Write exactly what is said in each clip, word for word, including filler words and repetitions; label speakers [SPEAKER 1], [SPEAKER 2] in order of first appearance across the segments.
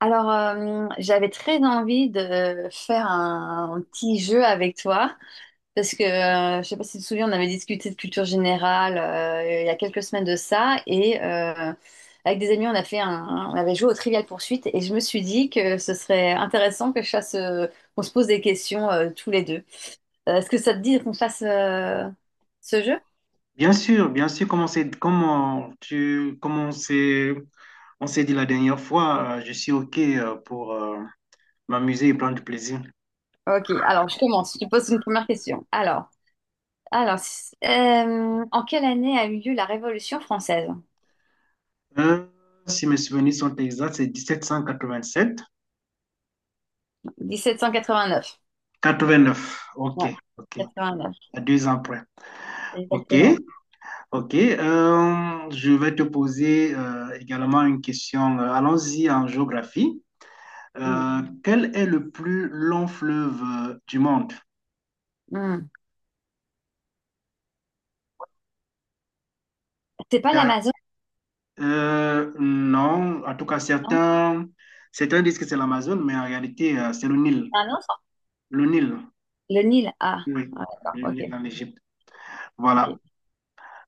[SPEAKER 1] Alors, euh, j'avais très envie de faire un, un petit jeu avec toi, parce que euh, je sais pas si tu te souviens, on avait discuté de culture générale euh, il y a quelques semaines de ça, et euh, avec des amis, on a fait un, on avait joué au Trivial Poursuite, et je me suis dit que ce serait intéressant que je fasse, euh, qu'on se pose des questions euh, tous les deux. Euh, Est-ce que ça te dit qu'on fasse euh, ce jeu?
[SPEAKER 2] Bien sûr, bien sûr, comme on s'est, comme on- tu, comme on s'est, on s'est dit la dernière fois, euh, je suis OK euh, pour euh, m'amuser et prendre du plaisir.
[SPEAKER 1] Ok, alors je commence. Je te pose une première question. Alors, alors, euh, en quelle année a eu lieu la Révolution française?
[SPEAKER 2] Euh, Si mes souvenirs sont exacts, c'est dix-sept cent quatre-vingt-sept.
[SPEAKER 1] mille sept cent quatre-vingt-neuf.
[SPEAKER 2] quatre-vingt-neuf. OK,
[SPEAKER 1] Ouais,
[SPEAKER 2] OK,
[SPEAKER 1] quatre-vingt-neuf,
[SPEAKER 2] à deux ans près. OK,
[SPEAKER 1] exactement.
[SPEAKER 2] OK. Euh, je vais te poser euh, également une question. Euh, Allons-y en géographie.
[SPEAKER 1] Mm.
[SPEAKER 2] Euh, quel est le plus long fleuve euh, du monde?
[SPEAKER 1] Mm. C'est pas l'Amazon,
[SPEAKER 2] Euh, non, en tout cas,
[SPEAKER 1] non?
[SPEAKER 2] certains, certains disent que c'est l'Amazone, mais en réalité, euh, c'est le Nil.
[SPEAKER 1] C'est un autre?
[SPEAKER 2] Le Nil,
[SPEAKER 1] Le Nil. Ah,
[SPEAKER 2] oui,
[SPEAKER 1] ah, d'accord,
[SPEAKER 2] le Nil
[SPEAKER 1] ok.
[SPEAKER 2] en Égypte.
[SPEAKER 1] Ok.
[SPEAKER 2] Voilà.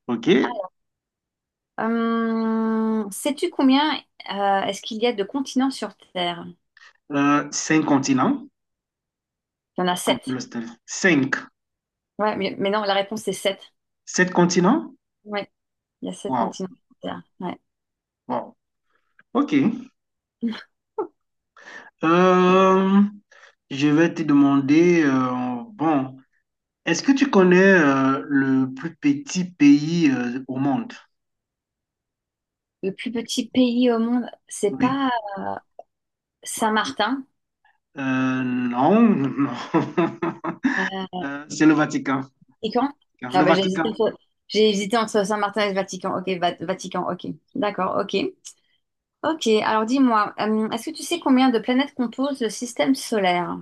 [SPEAKER 2] OK.
[SPEAKER 1] Hum, sais-tu combien euh, est-ce qu'il y a de continents sur Terre?
[SPEAKER 2] Euh, cinq continents,
[SPEAKER 1] Il y en a
[SPEAKER 2] comme
[SPEAKER 1] sept.
[SPEAKER 2] le style. Cinq.
[SPEAKER 1] Ouais, mais, mais non, la réponse c'est sept.
[SPEAKER 2] Sept continents?
[SPEAKER 1] Ouais, il y a sept
[SPEAKER 2] Waouh,
[SPEAKER 1] continents sur Terre. Ouais.
[SPEAKER 2] wow. OK. Euh, je vais te demander, euh, bon, est-ce que tu connais euh, le plus petit pays euh, au monde?
[SPEAKER 1] Le plus petit pays au monde, c'est
[SPEAKER 2] Oui.
[SPEAKER 1] pas Saint-Martin.
[SPEAKER 2] Euh, non, non.
[SPEAKER 1] Euh,
[SPEAKER 2] Euh, c'est le Vatican.
[SPEAKER 1] Vatican?
[SPEAKER 2] Car
[SPEAKER 1] Ah
[SPEAKER 2] le
[SPEAKER 1] bah, j'ai
[SPEAKER 2] Vatican.
[SPEAKER 1] hésité entre, j'ai hésité entre Saint-Martin et le Vatican. Ok, Va- Vatican, ok. D'accord, ok. Ok, alors dis-moi, euh, est-ce que tu sais combien de planètes composent le système solaire?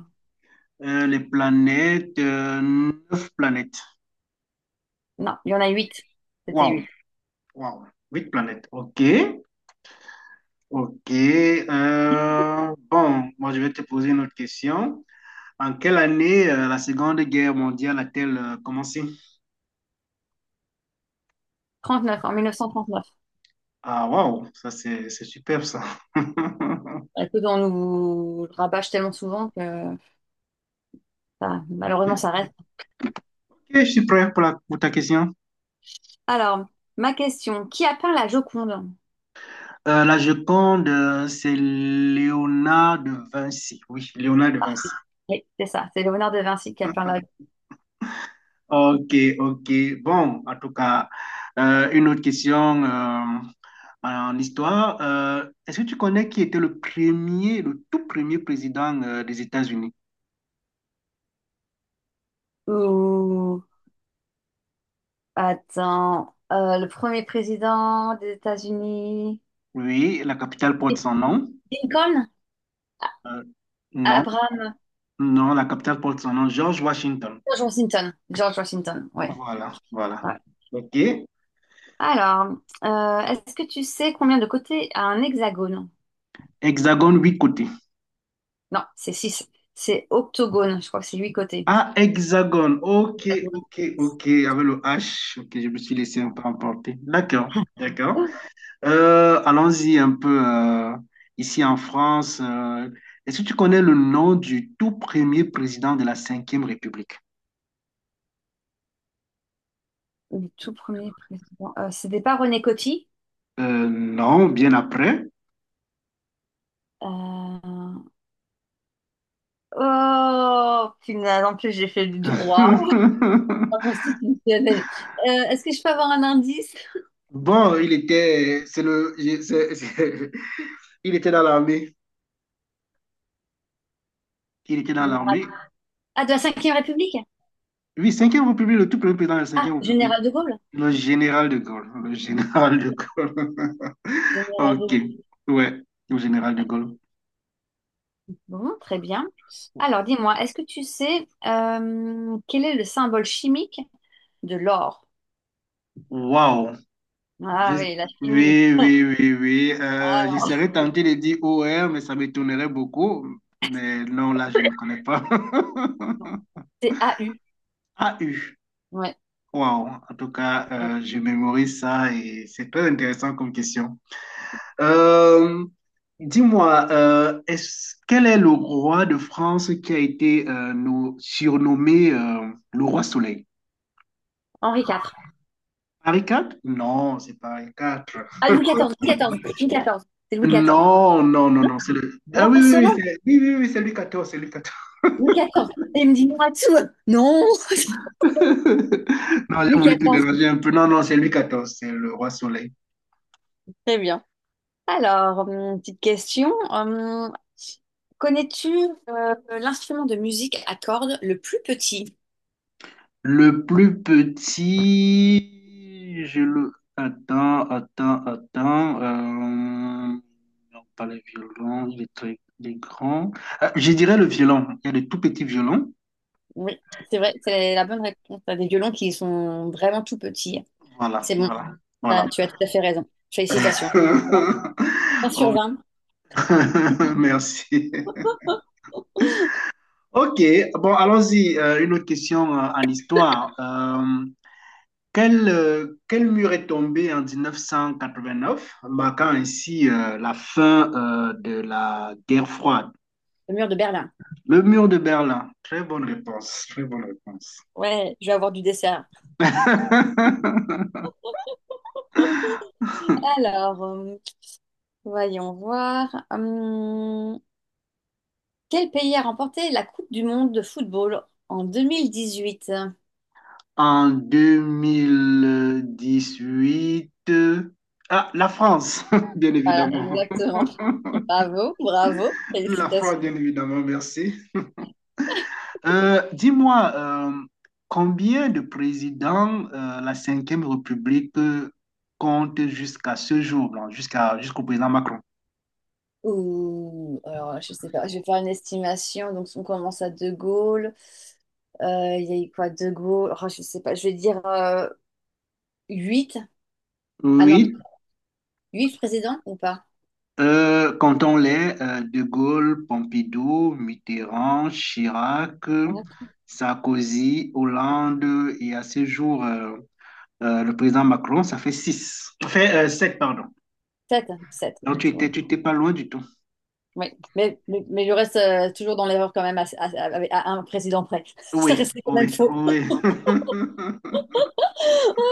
[SPEAKER 2] euh, Les planètes, euh, neuf planètes.
[SPEAKER 1] Non, il y en a huit. C'était
[SPEAKER 2] Waouh,
[SPEAKER 1] huit.
[SPEAKER 2] waouh, huit planètes. Ok, ok. Euh, bon, moi je vais te poser une autre question. En quelle année euh, la Seconde Guerre mondiale a-t-elle euh, commencé?
[SPEAKER 1] Trente-neuf, en mille neuf cent trente-neuf.
[SPEAKER 2] Ah, waouh, ça c'est c'est superbe ça.
[SPEAKER 1] Écoute, on nous le rabâche tellement souvent que, enfin, malheureusement ça reste.
[SPEAKER 2] Ok, je suis prêt pour, la- pour ta question.
[SPEAKER 1] Alors, ma question, qui a peint la Joconde?
[SPEAKER 2] Euh, la Joconde, euh, c'est Léonard de Vinci. Oui, Léonard de
[SPEAKER 1] Ah,
[SPEAKER 2] Vinci.
[SPEAKER 1] oui, c'est ça, c'est Léonard de Vinci qui a peint la...
[SPEAKER 2] Ok, ok. Bon, en tout cas, euh, une autre question euh, en histoire. Euh, est-ce que tu connais qui était le premier, le tout premier président euh, des États-Unis?
[SPEAKER 1] Ouh, attends, euh, le premier président des États-Unis...
[SPEAKER 2] Oui, la capitale porte son nom.
[SPEAKER 1] Lincoln? Ah,
[SPEAKER 2] Euh, non,
[SPEAKER 1] Abraham...
[SPEAKER 2] non, la capitale porte son nom, George Washington.
[SPEAKER 1] George Washington. George Washington, oui.
[SPEAKER 2] Voilà, voilà. OK.
[SPEAKER 1] Alors, euh, est-ce que tu sais combien de côtés a un hexagone?
[SPEAKER 2] Hexagone, huit côtés.
[SPEAKER 1] Non, c'est six. C'est octogone, je crois que c'est huit côtés.
[SPEAKER 2] Ah, hexagone. OK,
[SPEAKER 1] Hexagone.
[SPEAKER 2] OK, OK. Avec le H. OK, je me suis laissé un peu emporter. D'accord, d'accord.
[SPEAKER 1] Oh,
[SPEAKER 2] Euh, allons-y un peu euh, ici en France. Euh, est-ce que tu connais le nom du tout premier président de la Cinquième République?
[SPEAKER 1] le tout premier président. Euh, c'était pas René Coty?
[SPEAKER 2] Euh, non, bien après.
[SPEAKER 1] Euh, Oh, punaise, en plus j'ai fait du droit. Constitutionnel. Euh, est-ce que je peux avoir un indice?
[SPEAKER 2] Bon, il était, c'est le, c'est- c'est- il était dans l'armée. Il était dans
[SPEAKER 1] Général-
[SPEAKER 2] l'armée.
[SPEAKER 1] Ah, de la cinquième République?
[SPEAKER 2] Oui, Cinquième République, le tout premier président de la
[SPEAKER 1] Ah,
[SPEAKER 2] Cinquième République,
[SPEAKER 1] Général de Gaulle.
[SPEAKER 2] le général de Gaulle. Le général de Gaulle.
[SPEAKER 1] Général de
[SPEAKER 2] Ok,
[SPEAKER 1] Gaulle.
[SPEAKER 2] ouais, le général de Gaulle.
[SPEAKER 1] Bon, très bien. Alors, dis-moi, est-ce que tu sais euh, quel est le symbole chimique de l'or?
[SPEAKER 2] Waouh! Je-
[SPEAKER 1] Ah oui, la chimie.
[SPEAKER 2] Oui, oui, oui, oui. Euh, je
[SPEAKER 1] Alors,
[SPEAKER 2] serais tenté de dire O R, mais ça m'étonnerait beaucoup. Mais non, là, je ne connais pas.
[SPEAKER 1] c'est A U.
[SPEAKER 2] A U.
[SPEAKER 1] Ouais.
[SPEAKER 2] Wow. En tout cas, euh, je mémorise ça et c'est très intéressant comme question. Euh, Dis-moi, euh, est-ce, quel est le roi de France qui a été euh, nous- surnommé euh, le roi Soleil?
[SPEAKER 1] Henri IV.
[SPEAKER 2] Henri quatre? Non, c'est pas Henri quatre.
[SPEAKER 1] Ah, Louis quatorze, Louis quatorze, Louis quatorze. C'est Louis quatorze.
[SPEAKER 2] Non, non, non, non, c'est le... Ah oui,
[SPEAKER 1] Roi
[SPEAKER 2] oui, oui,
[SPEAKER 1] Soleil,
[SPEAKER 2] c'est oui, oui, oui, c'est Louis quatorze c'est Louis quatorze
[SPEAKER 1] Louis quatorze. Et il me dit moi tout. Non,
[SPEAKER 2] Non, j'ai
[SPEAKER 1] Louis
[SPEAKER 2] voulu te
[SPEAKER 1] quatorze.
[SPEAKER 2] déranger un peu. Non, non, c'est Louis quatorze, c'est le roi soleil.
[SPEAKER 1] Très bien. Alors, hum, petite question. Hum, connais-tu euh, l'instrument de musique à cordes le plus petit?
[SPEAKER 2] Le plus petit, je le... Attends, attends, attends. euh, Non, pas le violon, il est très il est grand. Ah, je dirais le violon. Il y a le tout petits violons.
[SPEAKER 1] Oui, c'est vrai, c'est la bonne réponse. T'as des violons qui sont vraiment tout petits.
[SPEAKER 2] Voilà,
[SPEAKER 1] C'est bon,
[SPEAKER 2] voilà, voilà.
[SPEAKER 1] t'as- tu as tout à fait raison. Félicitations. Ouais. un sur
[SPEAKER 2] Oh,
[SPEAKER 1] vingt
[SPEAKER 2] merci. Ok, bon, allons-y. Euh, une autre question euh, en histoire. Euh, quel, euh, quel mur est tombé en mille neuf cent quatre-vingt-neuf, marquant ainsi euh, la fin euh, de la guerre froide?
[SPEAKER 1] Le mur de Berlin.
[SPEAKER 2] Le mur de Berlin. Très bonne réponse, très bonne réponse.
[SPEAKER 1] Ouais, je vais avoir du dessert. Alors, euh, voyons voir. Hum, quel pays a remporté la Coupe du monde de football en deux mille dix-huit?
[SPEAKER 2] En deux mille dix-huit, euh, ah, la France, bien
[SPEAKER 1] Voilà,
[SPEAKER 2] évidemment.
[SPEAKER 1] exactement. Bravo, bravo,
[SPEAKER 2] La
[SPEAKER 1] félicitations.
[SPEAKER 2] France, bien évidemment, merci. Euh, dis-moi, euh, combien de présidents euh, la Cinquième République euh, compte jusqu'à ce jour, là, jusqu'à, jusqu'au président Macron?
[SPEAKER 1] Ouh, alors, je sais pas, je vais faire une estimation. Donc, on commence à De Gaulle. Euh, Il y a eu quoi, De Gaulle? Oh, je sais pas, je vais dire euh, huit. Ah non,
[SPEAKER 2] Oui,
[SPEAKER 1] huit présidents ou pas?
[SPEAKER 2] euh, comptons-les, euh, De Gaulle, Pompidou, Mitterrand, Chirac, euh, Sarkozy, Hollande et à ce jour, euh, euh, le président Macron, ça fait six. Ça fait euh, sept, pardon.
[SPEAKER 1] sept, sept.
[SPEAKER 2] Donc tu étais, tu étais pas loin du tout.
[SPEAKER 1] Oui, mais, mais, mais je reste euh, toujours dans l'erreur quand même, à, à- à- à un président près. Ça
[SPEAKER 2] Oui,
[SPEAKER 1] restait quand même
[SPEAKER 2] oui,
[SPEAKER 1] faux.
[SPEAKER 2] oui.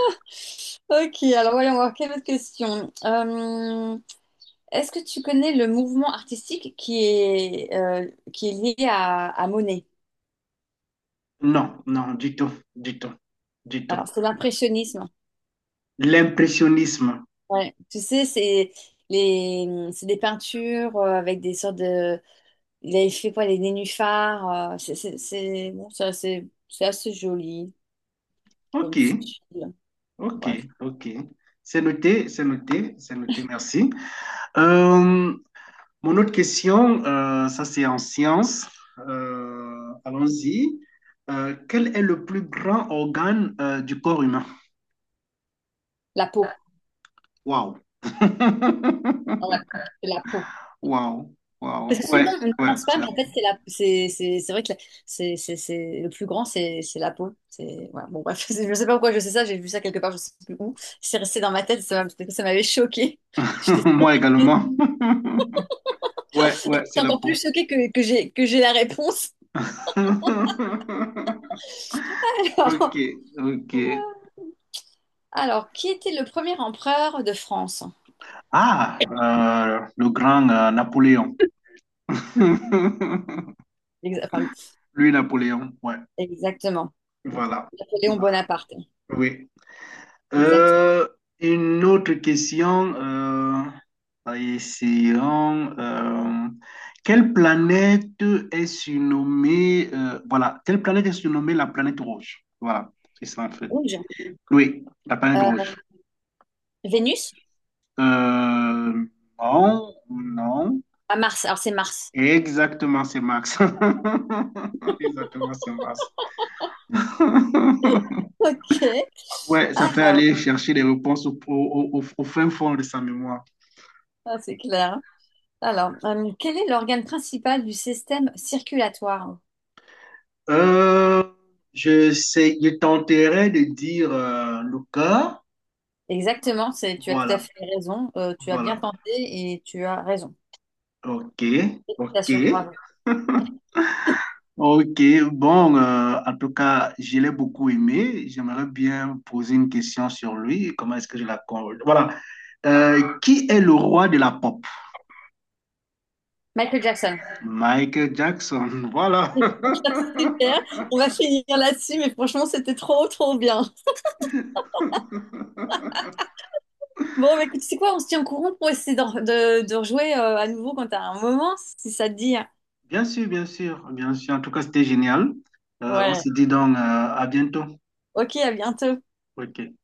[SPEAKER 1] Ok, alors voyons voir, quelle autre question. Euh, est-ce que tu connais le mouvement artistique qui est, euh, qui est lié à, à Monet?
[SPEAKER 2] Non, non, du tout, du tout, du tout.
[SPEAKER 1] Alors, c'est l'impressionnisme.
[SPEAKER 2] L'impressionnisme.
[SPEAKER 1] Ouais. Tu sais, c'est les, c'est des peintures euh, avec des sortes de... Il avait fait quoi, les nénuphars. Euh, c'est c'est- c'est- bon, c'est assez, c'est assez joli
[SPEAKER 2] Ok,
[SPEAKER 1] comme style.
[SPEAKER 2] ok,
[SPEAKER 1] Bref,
[SPEAKER 2] ok. C'est noté, c'est noté, c'est noté, merci. Euh, Mon autre question, euh, ça c'est en sciences. Euh, allons-y. Euh, quel est le plus grand organe euh, du corps humain?
[SPEAKER 1] la peau.
[SPEAKER 2] Waouh.
[SPEAKER 1] Ouais, c'est la peau.
[SPEAKER 2] Waouh, waouh.
[SPEAKER 1] Parce que souvent,
[SPEAKER 2] Ouais,
[SPEAKER 1] on ne
[SPEAKER 2] ouais,
[SPEAKER 1] pense
[SPEAKER 2] c'est
[SPEAKER 1] pas, mais
[SPEAKER 2] la
[SPEAKER 1] en
[SPEAKER 2] peau.
[SPEAKER 1] fait, c'est la, c'est, c'est, c'est vrai que la- c'est, c'est, c'est, le plus grand, c'est, c'est la peau. C'est, voilà. Bon, bref, je ne sais pas pourquoi je sais ça, j'ai vu ça quelque part, je ne sais plus où. C'est resté dans ma tête, ça, m'a- ça m'avait choquée. J'étais
[SPEAKER 2] Moi également. Ouais, ouais, c'est la
[SPEAKER 1] encore
[SPEAKER 2] peau.
[SPEAKER 1] plus choquée que, que j'ai, que j'ai la réponse.
[SPEAKER 2] Ok, ok.
[SPEAKER 1] Alors, qui était le premier empereur de France?
[SPEAKER 2] Ah, euh, le grand euh, Napoléon.
[SPEAKER 1] Hmm. Exa- enfin,
[SPEAKER 2] Lui, Napoléon, ouais.
[SPEAKER 1] Exactement.
[SPEAKER 2] Voilà.
[SPEAKER 1] Napoléon
[SPEAKER 2] Voilà.
[SPEAKER 1] Bonaparte.
[SPEAKER 2] Oui.
[SPEAKER 1] Exactement.
[SPEAKER 2] Euh, une autre question. Euh, essayons. Euh, quelle planète est surnommée, euh, voilà, quelle planète est surnommée la planète rouge? Voilà, c'est ça en fait.
[SPEAKER 1] Rouge.
[SPEAKER 2] Oui, la planète
[SPEAKER 1] Euh,
[SPEAKER 2] rouge.
[SPEAKER 1] Vénus?
[SPEAKER 2] Euh, non, non.
[SPEAKER 1] À Mars. Alors, c'est Mars.
[SPEAKER 2] Exactement, c'est Max. Exactement, c'est Max. Ouais,
[SPEAKER 1] Ok.
[SPEAKER 2] ça fait
[SPEAKER 1] alors
[SPEAKER 2] aller chercher les réponses au, au- au- au fin fond de sa mémoire.
[SPEAKER 1] Ah, c'est clair. Alors, euh, quel est l'organe principal du système circulatoire?
[SPEAKER 2] Euh, je sais, je tenterai de dire euh, le cas.
[SPEAKER 1] Exactement, c'est, tu as tout à
[SPEAKER 2] Voilà,
[SPEAKER 1] fait raison. Euh, tu as bien
[SPEAKER 2] voilà.
[SPEAKER 1] tenté et tu as raison.
[SPEAKER 2] Ok, ok,
[SPEAKER 1] Félicitations, bravo.
[SPEAKER 2] ok. Bon, euh, en tout cas, je l'ai beaucoup aimé. J'aimerais bien poser une question sur lui. Comment est-ce que je la... con- Voilà. Euh, qui est le roi de la pop?
[SPEAKER 1] Michael Jackson.
[SPEAKER 2] Michael Jackson, voilà.
[SPEAKER 1] Super, on va finir là-dessus, mais franchement, c'était trop, trop bien. Bon, bah, écoute, c'est quoi? On se tient au courant pour essayer de, de, de rejouer euh, à nouveau quand t'as un moment, si ça te dit.
[SPEAKER 2] Bien sûr, bien sûr, bien sûr. En tout cas, c'était génial. Euh, on
[SPEAKER 1] Ouais.
[SPEAKER 2] se dit donc euh, à bientôt.
[SPEAKER 1] Ok, à bientôt.
[SPEAKER 2] OK.